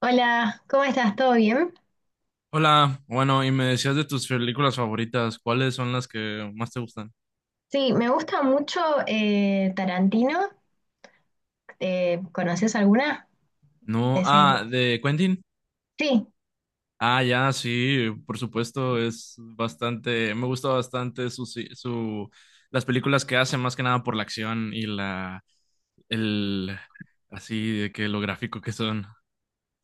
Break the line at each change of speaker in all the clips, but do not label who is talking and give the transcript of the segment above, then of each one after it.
Hola, ¿cómo estás? ¿Todo bien?
Hola, bueno, y me decías de tus películas favoritas, ¿cuáles son las que más te gustan?
Sí, me gusta mucho Tarantino. ¿Conoces alguna de
No,
ese director?
de Quentin.
Sí,
Ya, sí, por supuesto, es bastante, me gusta bastante su, si, su, las películas que hace, más que nada por la acción y el, así, de que lo gráfico que son.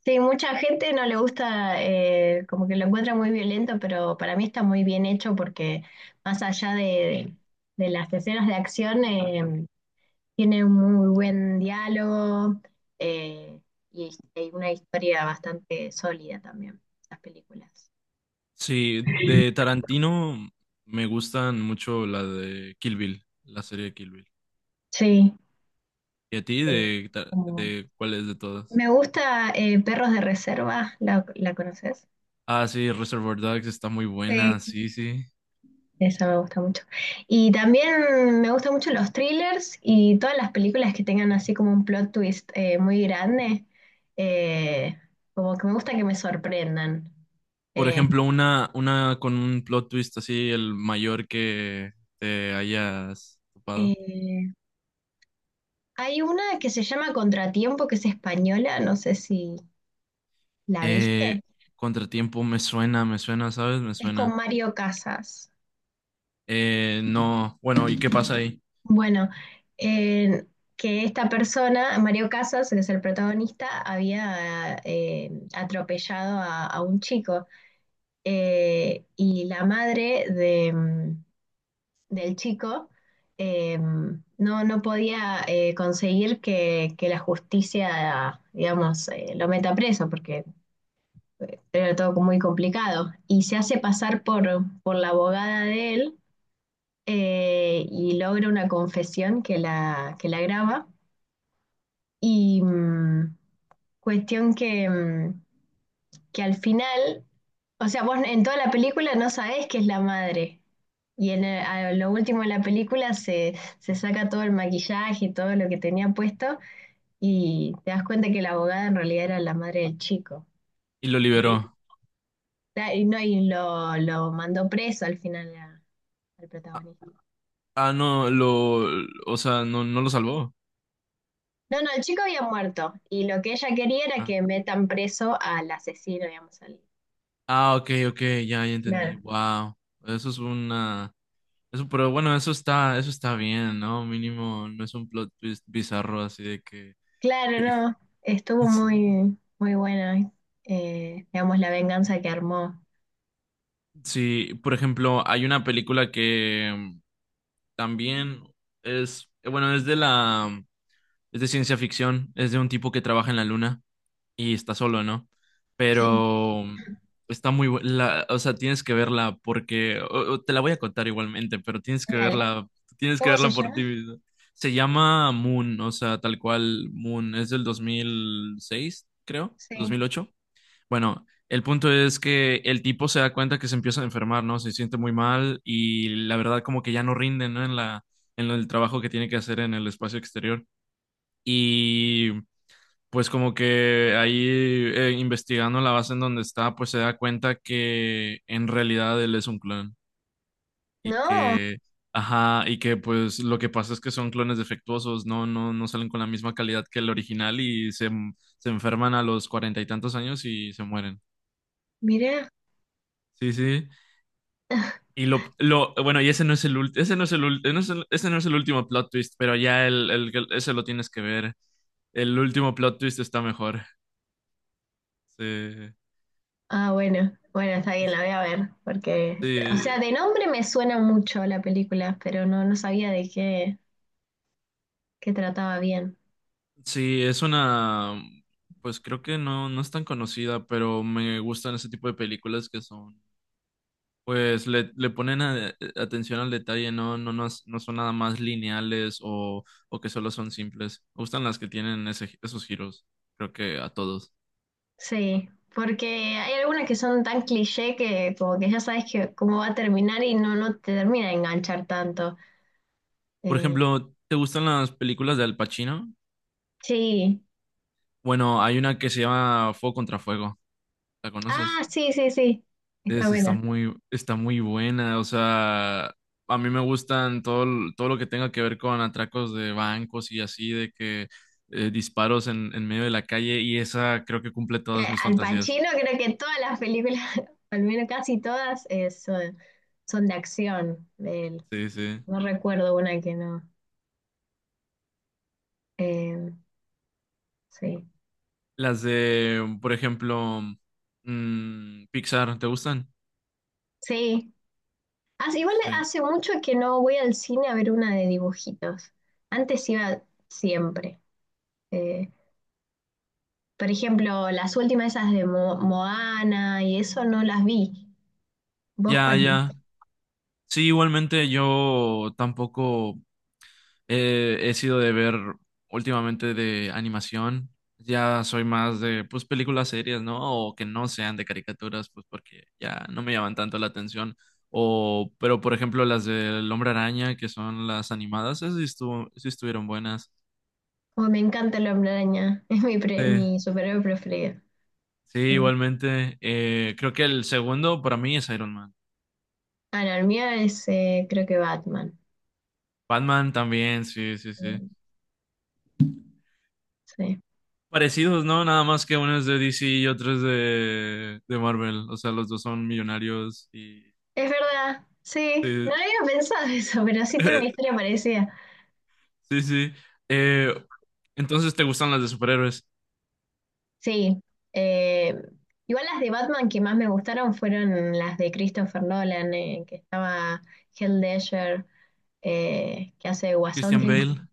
sí, mucha gente no le gusta, como que lo encuentra muy violento, pero para mí está muy bien hecho porque más allá de las escenas de acción, tiene un muy buen diálogo eh, y, y una historia bastante sólida también, las películas.
Sí, de Tarantino me gustan mucho la de Kill Bill, la serie de Kill Bill.
Sí,
¿Y a ti,
eh, como-
de cuál es de todas?
me gusta Perros de Reserva, la conoces?
Ah, sí, Reservoir Dogs está muy buena,
Sí.
sí, sí.
Esa me gusta mucho. Y también me gustan mucho los thrillers y todas las películas que tengan así como un plot twist muy grande. eh, Como que me gusta que me sorprendan.
Por
Eh,
ejemplo, una con un plot twist así, el mayor que te hayas topado.
eh, Hay una que se llama Contratiempo, que es española, no sé si la
Eh,
viste.
Contratiempo me suena, ¿sabes? Me
Es
suena.
con Mario Casas.
No, bueno, ¿y qué pasa ahí?
Bueno, eh, que esta persona, Mario Casas, que es el protagonista, había atropellado a un chico. Y la madre del chico no, no podía conseguir que la justicia, digamos, lo meta preso porque era todo muy complicado y se hace pasar por la abogada de él, y logra una confesión que que la graba. Y mm, Cuestión que al final, o sea, vos en toda la película no sabés que es la madre. A lo último de la película se saca todo el maquillaje y todo lo que tenía puesto y te das cuenta que la abogada en realidad era la madre del chico.
Y lo liberó.
No, lo mandó preso al final al
Ah,
protagonista.
no, o sea, no lo salvó.
No, no, el chico había muerto y lo que ella quería era
Ah,
que metan preso al asesino, digamos, al...
ok, ok, ya entendí.
Claro.
Wow, eso es una... Eso, pero bueno, eso está bien, ¿no? Mínimo, no es un plot twist bizarro así de que
Claro, no, estuvo
sí.
muy buena, digamos, la venganza que armó.
Sí, por ejemplo, hay una película que también es de es de ciencia ficción, es de un tipo que trabaja en la luna y está solo, ¿no?
Sí,
Pero está muy buena, o sea, tienes que verla porque o te la voy a contar igualmente, pero
dale.
tienes que
¿Cómo se
verla por ti
llama?
mismo. Se llama Moon, o sea, tal cual Moon, es del 2006 creo, dos mil
Sí.
ocho Bueno, el punto es que el tipo se da cuenta que se empieza a enfermar, ¿no? Se siente muy mal y la verdad como que ya no rinde, ¿no? En el trabajo que tiene que hacer en el espacio exterior. Y pues como que ahí investigando la base en donde está, pues se da cuenta que en realidad él es un clon y
No,
que, ajá, y que pues lo que pasa es que son clones defectuosos, no salen con la misma calidad que el original se enferman a los cuarenta y tantos años y se mueren.
mirá.
Sí, sí. Bueno, y ese no es el último, ese no es el último plot twist, pero ya ese lo tienes que ver. El último plot twist está mejor. Sí,
Ah, bueno, bueno, está bien, la voy a ver, porque, o sea,
sí,
de nombre me suena mucho la película, pero no, no sabía de qué trataba bien.
sí, es una, pues creo que no es tan conocida, pero me gustan ese tipo de películas que son, pues le ponen atención al detalle, no son nada más lineales o que solo son simples. Me gustan las que tienen esos giros, creo que a todos.
Sí, porque hay algunas que son tan cliché que como que ya sabes que cómo va a terminar y no, no te termina de enganchar tanto.
Por
Eh,
ejemplo, ¿te gustan las películas de Al Pacino?
sí.
Bueno, hay una que se llama Fuego contra Fuego. ¿La
Ah,
conoces?
sí, sí, sí. Está
Está
buena.
está muy buena. O sea, a mí me gustan todo lo que tenga que ver con atracos de bancos y así, de que disparos en medio de la calle. Y esa creo que cumple todas mis
Al
fantasías.
Pacino creo que todas las películas, al menos casi todas, son de acción de él.
Sí, sí.
No recuerdo una que no. Eh, sí.
Las de, por ejemplo, Pixar, ¿te gustan?
Sí. Igual
Sí.
hace mucho que no voy al cine a ver una de dibujitos. Antes iba siempre. Eh, por ejemplo, las últimas esas de Moana y eso no las vi. ¿Vos
Ya,
cuál
ya.
viste?
Sí, igualmente yo tampoco he sido de ver últimamente de animación. Ya soy más de, pues, películas serias, ¿no? O que no sean de caricaturas, pues, porque ya no me llaman tanto la atención. O, pero, por ejemplo, las del Hombre Araña, que son las animadas, esas sí, sí estuvieron buenas.
Oh, me encanta el Hombre Araña. Es
Sí,
mi superhéroe preferido.
sí, igualmente. Creo que el segundo para mí es Iron Man.
Ah, no, el mío es creo que Batman.
Batman también, sí, sí, sí.
Eh, Sí.
Parecidos, ¿no? Nada más que uno es de DC y otro es de Marvel. O sea, los dos son millonarios y
Es verdad, sí. No
sí.
había pensado eso, pero sí tiene una historia parecida.
Sí, sí. Eh, entonces, ¿te gustan las de superhéroes?
Sí. eh, Igual las de Batman que más me gustaron fueron las de Christopher Nolan, que estaba Heath Ledger, que hace de Guasón,
Christian
que
Bale.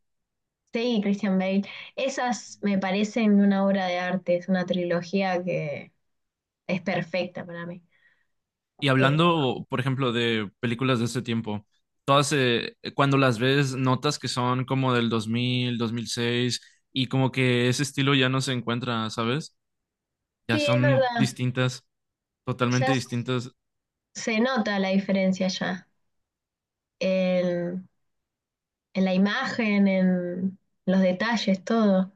sí, Christian Bale. Esas me parecen una obra de arte, es una trilogía que es perfecta para mí.
Y
Eh,
hablando, por ejemplo, de películas de ese tiempo, todas, cuando las ves, notas que son como del 2000, 2006 y como que ese estilo ya no se encuentra, ¿sabes? Ya
sí, es
son
verdad.
distintas,
Ya
totalmente
s-
distintas.
Se nota la diferencia ya. en, en la imagen, en los detalles, todo.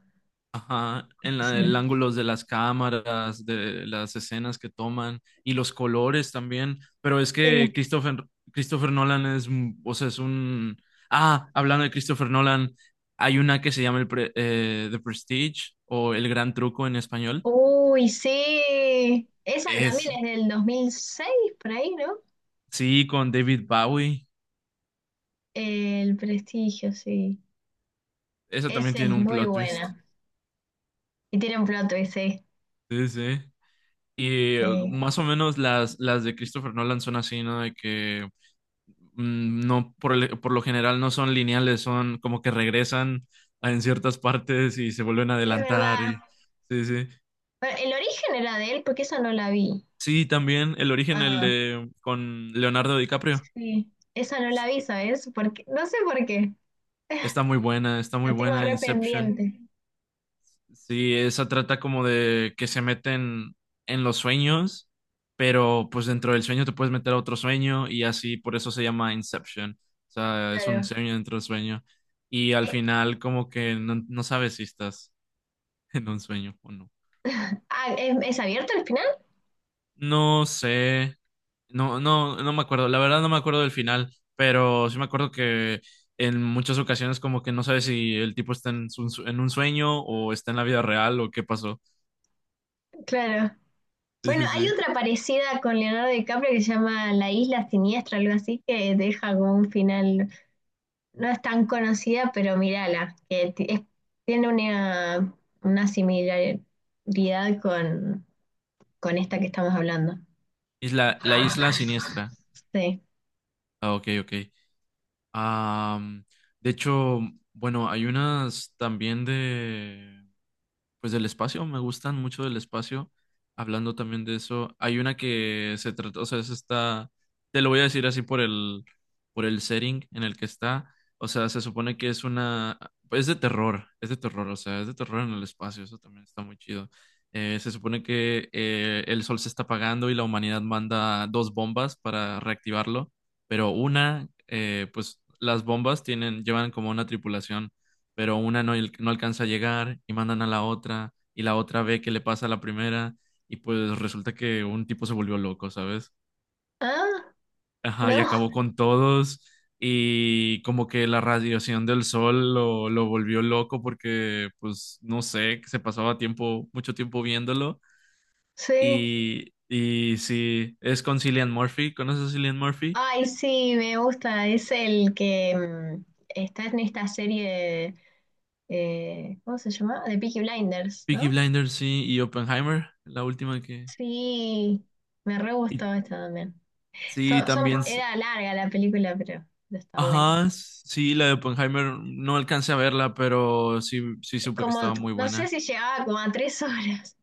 Ajá, en
Sí.
el
Sí.
ángulos de las cámaras, de las escenas que toman y los colores también. Pero es
Sí.
que Christopher Nolan es, o sea, es un... Ah, hablando de Christopher Nolan, hay una que se llama The Prestige o El Gran Truco en español.
Uy, sí. Esa también
Es,
es del 2006 por ahí, ¿no?
sí, con David Bowie.
El Prestigio, sí.
Esa también
Esa
tiene
es
un
muy
plot twist.
buena. Y tiene un plot twist, sí.
Sí, sí. Y
Sí.
más o menos las de Christopher Nolan son así, ¿no? De que mm, no, por, el- por lo general no son lineales, son como que regresan en ciertas partes y se vuelven a
Es
adelantar.
verdad.
Y sí, sí.
Pero el origen era de él porque esa no la vi.
Sí, también el origen, el
Ah,
de con Leonardo DiCaprio.
sí. Esa no la vi, ¿sabes? Porque no sé por qué.
Está muy
La tengo
buena
re
Inception.
pendiente.
Sí, esa trata como de que se meten en los sueños, pero pues dentro del sueño te puedes meter a otro sueño y así, por eso se llama Inception. O sea, es un
Claro.
sueño dentro del sueño. Y al
Eh,
final como que no sabes si estás en un sueño o no.
ah, es abierto al final?
No sé. No me acuerdo. La verdad no me acuerdo del final, pero sí me acuerdo que en muchas ocasiones como que no sabes si el tipo está en un sueño o está en la vida real o qué pasó.
Claro.
Sí,
Bueno,
sí,
hay
sí.
otra parecida con Leonardo DiCaprio que se llama La Isla Siniestra, algo así, que deja como un final, no es tan conocida, pero mírala, que tiene una similaridad con, con esta que estamos hablando.
Isla, la isla siniestra.
Sí.
Ah, ok, ok. Am, de hecho, bueno, hay unas también de... Pues del espacio, me gustan mucho del espacio. Hablando también de eso, hay una que se trata, o sea, es esta, te lo voy a decir así por el setting en el que está. O sea, se supone que es una, pues, es de terror, o sea, es de terror en el espacio, eso también está muy chido. Se supone que el sol se está apagando y la humanidad manda dos bombas para reactivarlo, pero una, pues las bombas tienen, llevan como una tripulación, pero una no, no alcanza a llegar y mandan a la otra y la otra ve que le pasa a la primera y pues resulta que un tipo se volvió loco, ¿sabes?
Ah,
Ajá, y
no,
acabó con todos y como que la radiación del sol lo volvió loco porque pues no sé, que se pasaba tiempo, mucho tiempo viéndolo
sí.
y sí, es con Cillian Murphy, ¿conoces a Cillian Murphy?
Ay, sí, me gusta. Es el que está en esta serie, ¿cómo se llama? De Peaky Blinders,
Peaky
¿no?
Blinders, sí, y Oppenheimer, la última que...
Sí, me re
y-
gustó esta también.
Sí, también
Era larga la película, pero no está buena.
ajá, sí, la de Oppenheimer no alcancé a verla, pero sí, sí supe que
Como,
estaba muy
no sé
buena.
si llegaba como a 3 horas.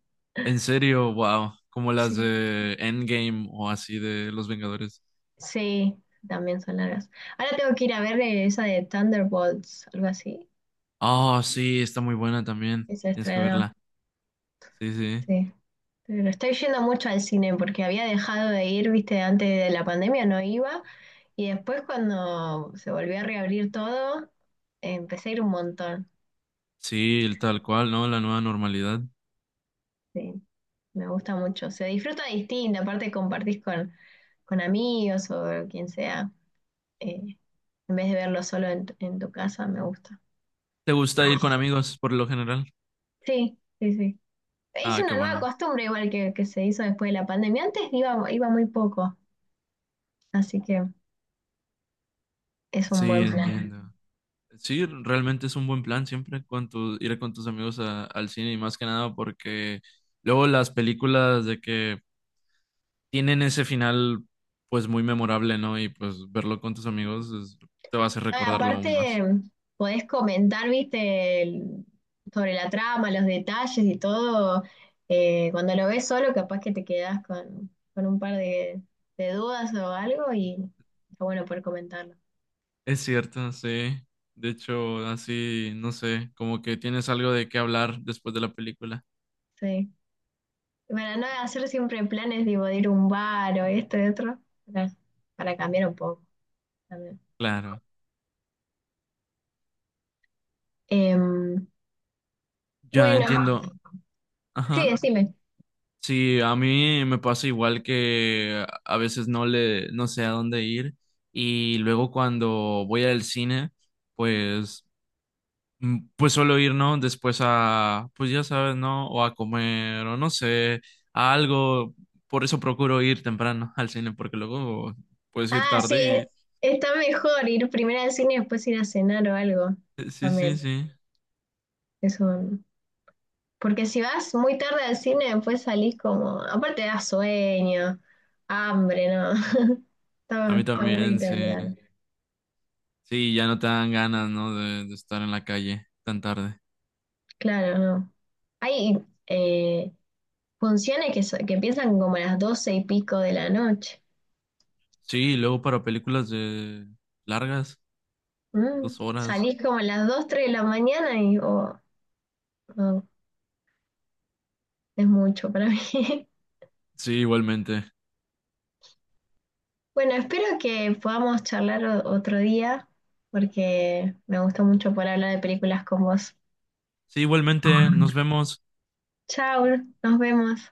En serio, wow, como las
Sí,
de Endgame o así de Los Vengadores.
sí, también son largas. Ahora tengo que ir a ver esa de Thunderbolts, algo así,
Oh, sí, está muy buena también.
que se
Tienes que
estrenó.
verla. Sí, sí.
Sí, pero estoy yendo mucho al cine porque había dejado de ir, viste, antes de la pandemia no iba. Y después cuando se volvió a reabrir todo, empecé a ir un montón.
Sí, el tal cual, ¿no? La nueva normalidad.
Sí, me gusta mucho. Se disfruta distinto, aparte compartís con amigos o quien sea, eh, en vez de verlo solo en tu casa, me gusta.
¿Te gusta ir con amigos por lo general?
Sí, sí, sí. Es
Ah, qué
una nueva
bueno.
costumbre igual que se hizo después de la pandemia. Iba muy poco, así que es un
Sí,
buen plan.
entiendo. Sí, realmente es un buen plan siempre con ir con tus amigos al cine y más que nada porque luego las películas de que tienen ese final pues muy memorable, ¿no? Y pues verlo con tus amigos es- te va a hacer
No, y
recordarlo aún más.
aparte, podés comentar, viste, sobre la trama, los detalles y todo. Cuando lo ves solo, capaz que te quedás con un par de dudas o algo y está bueno poder comentarlo.
Es cierto, sí. De hecho, así, no sé, como que tienes algo de qué hablar después de la película.
Sí. Para no hacer siempre planes tipo, de ir a un bar o esto y otro, para, para cambiar un poco también.
Claro.
Em,
Ya
bueno,
entiendo.
sí,
Ajá.
decime.
Sí, a mí me pasa igual que a veces no sé a dónde ir y luego cuando voy al cine, pues mm, pues solo ir, ¿no? Después a, pues ya sabes, ¿no? O a comer, o no sé, a algo. Por eso procuro ir temprano al cine, porque luego puedes ir
Ah, sí,
tarde y...
está mejor ir primero al cine y después ir a cenar o algo
Sí, sí,
también.
sí.
Eso. Porque si vas muy tarde al cine, después salís como. Aparte da sueño, hambre, ¿no?
A mí
Está bueno
también,
ir
sí.
temprano.
Sí, ya no te dan ganas, ¿no? De estar en la calle tan tarde.
Claro, no. Hay eh, funciones que empiezan como a las 12 y pico de la noche.
Sí, y luego para películas de largas,
Mm,
2 horas.
salís como a las 2, 3 de la mañana y oh, no, es mucho para mí.
Sí, igualmente.
Bueno, espero que podamos charlar otro día, porque me gustó mucho poder hablar de películas con vos.
Sí, igualmente, nos vemos.
Chao, nos vemos.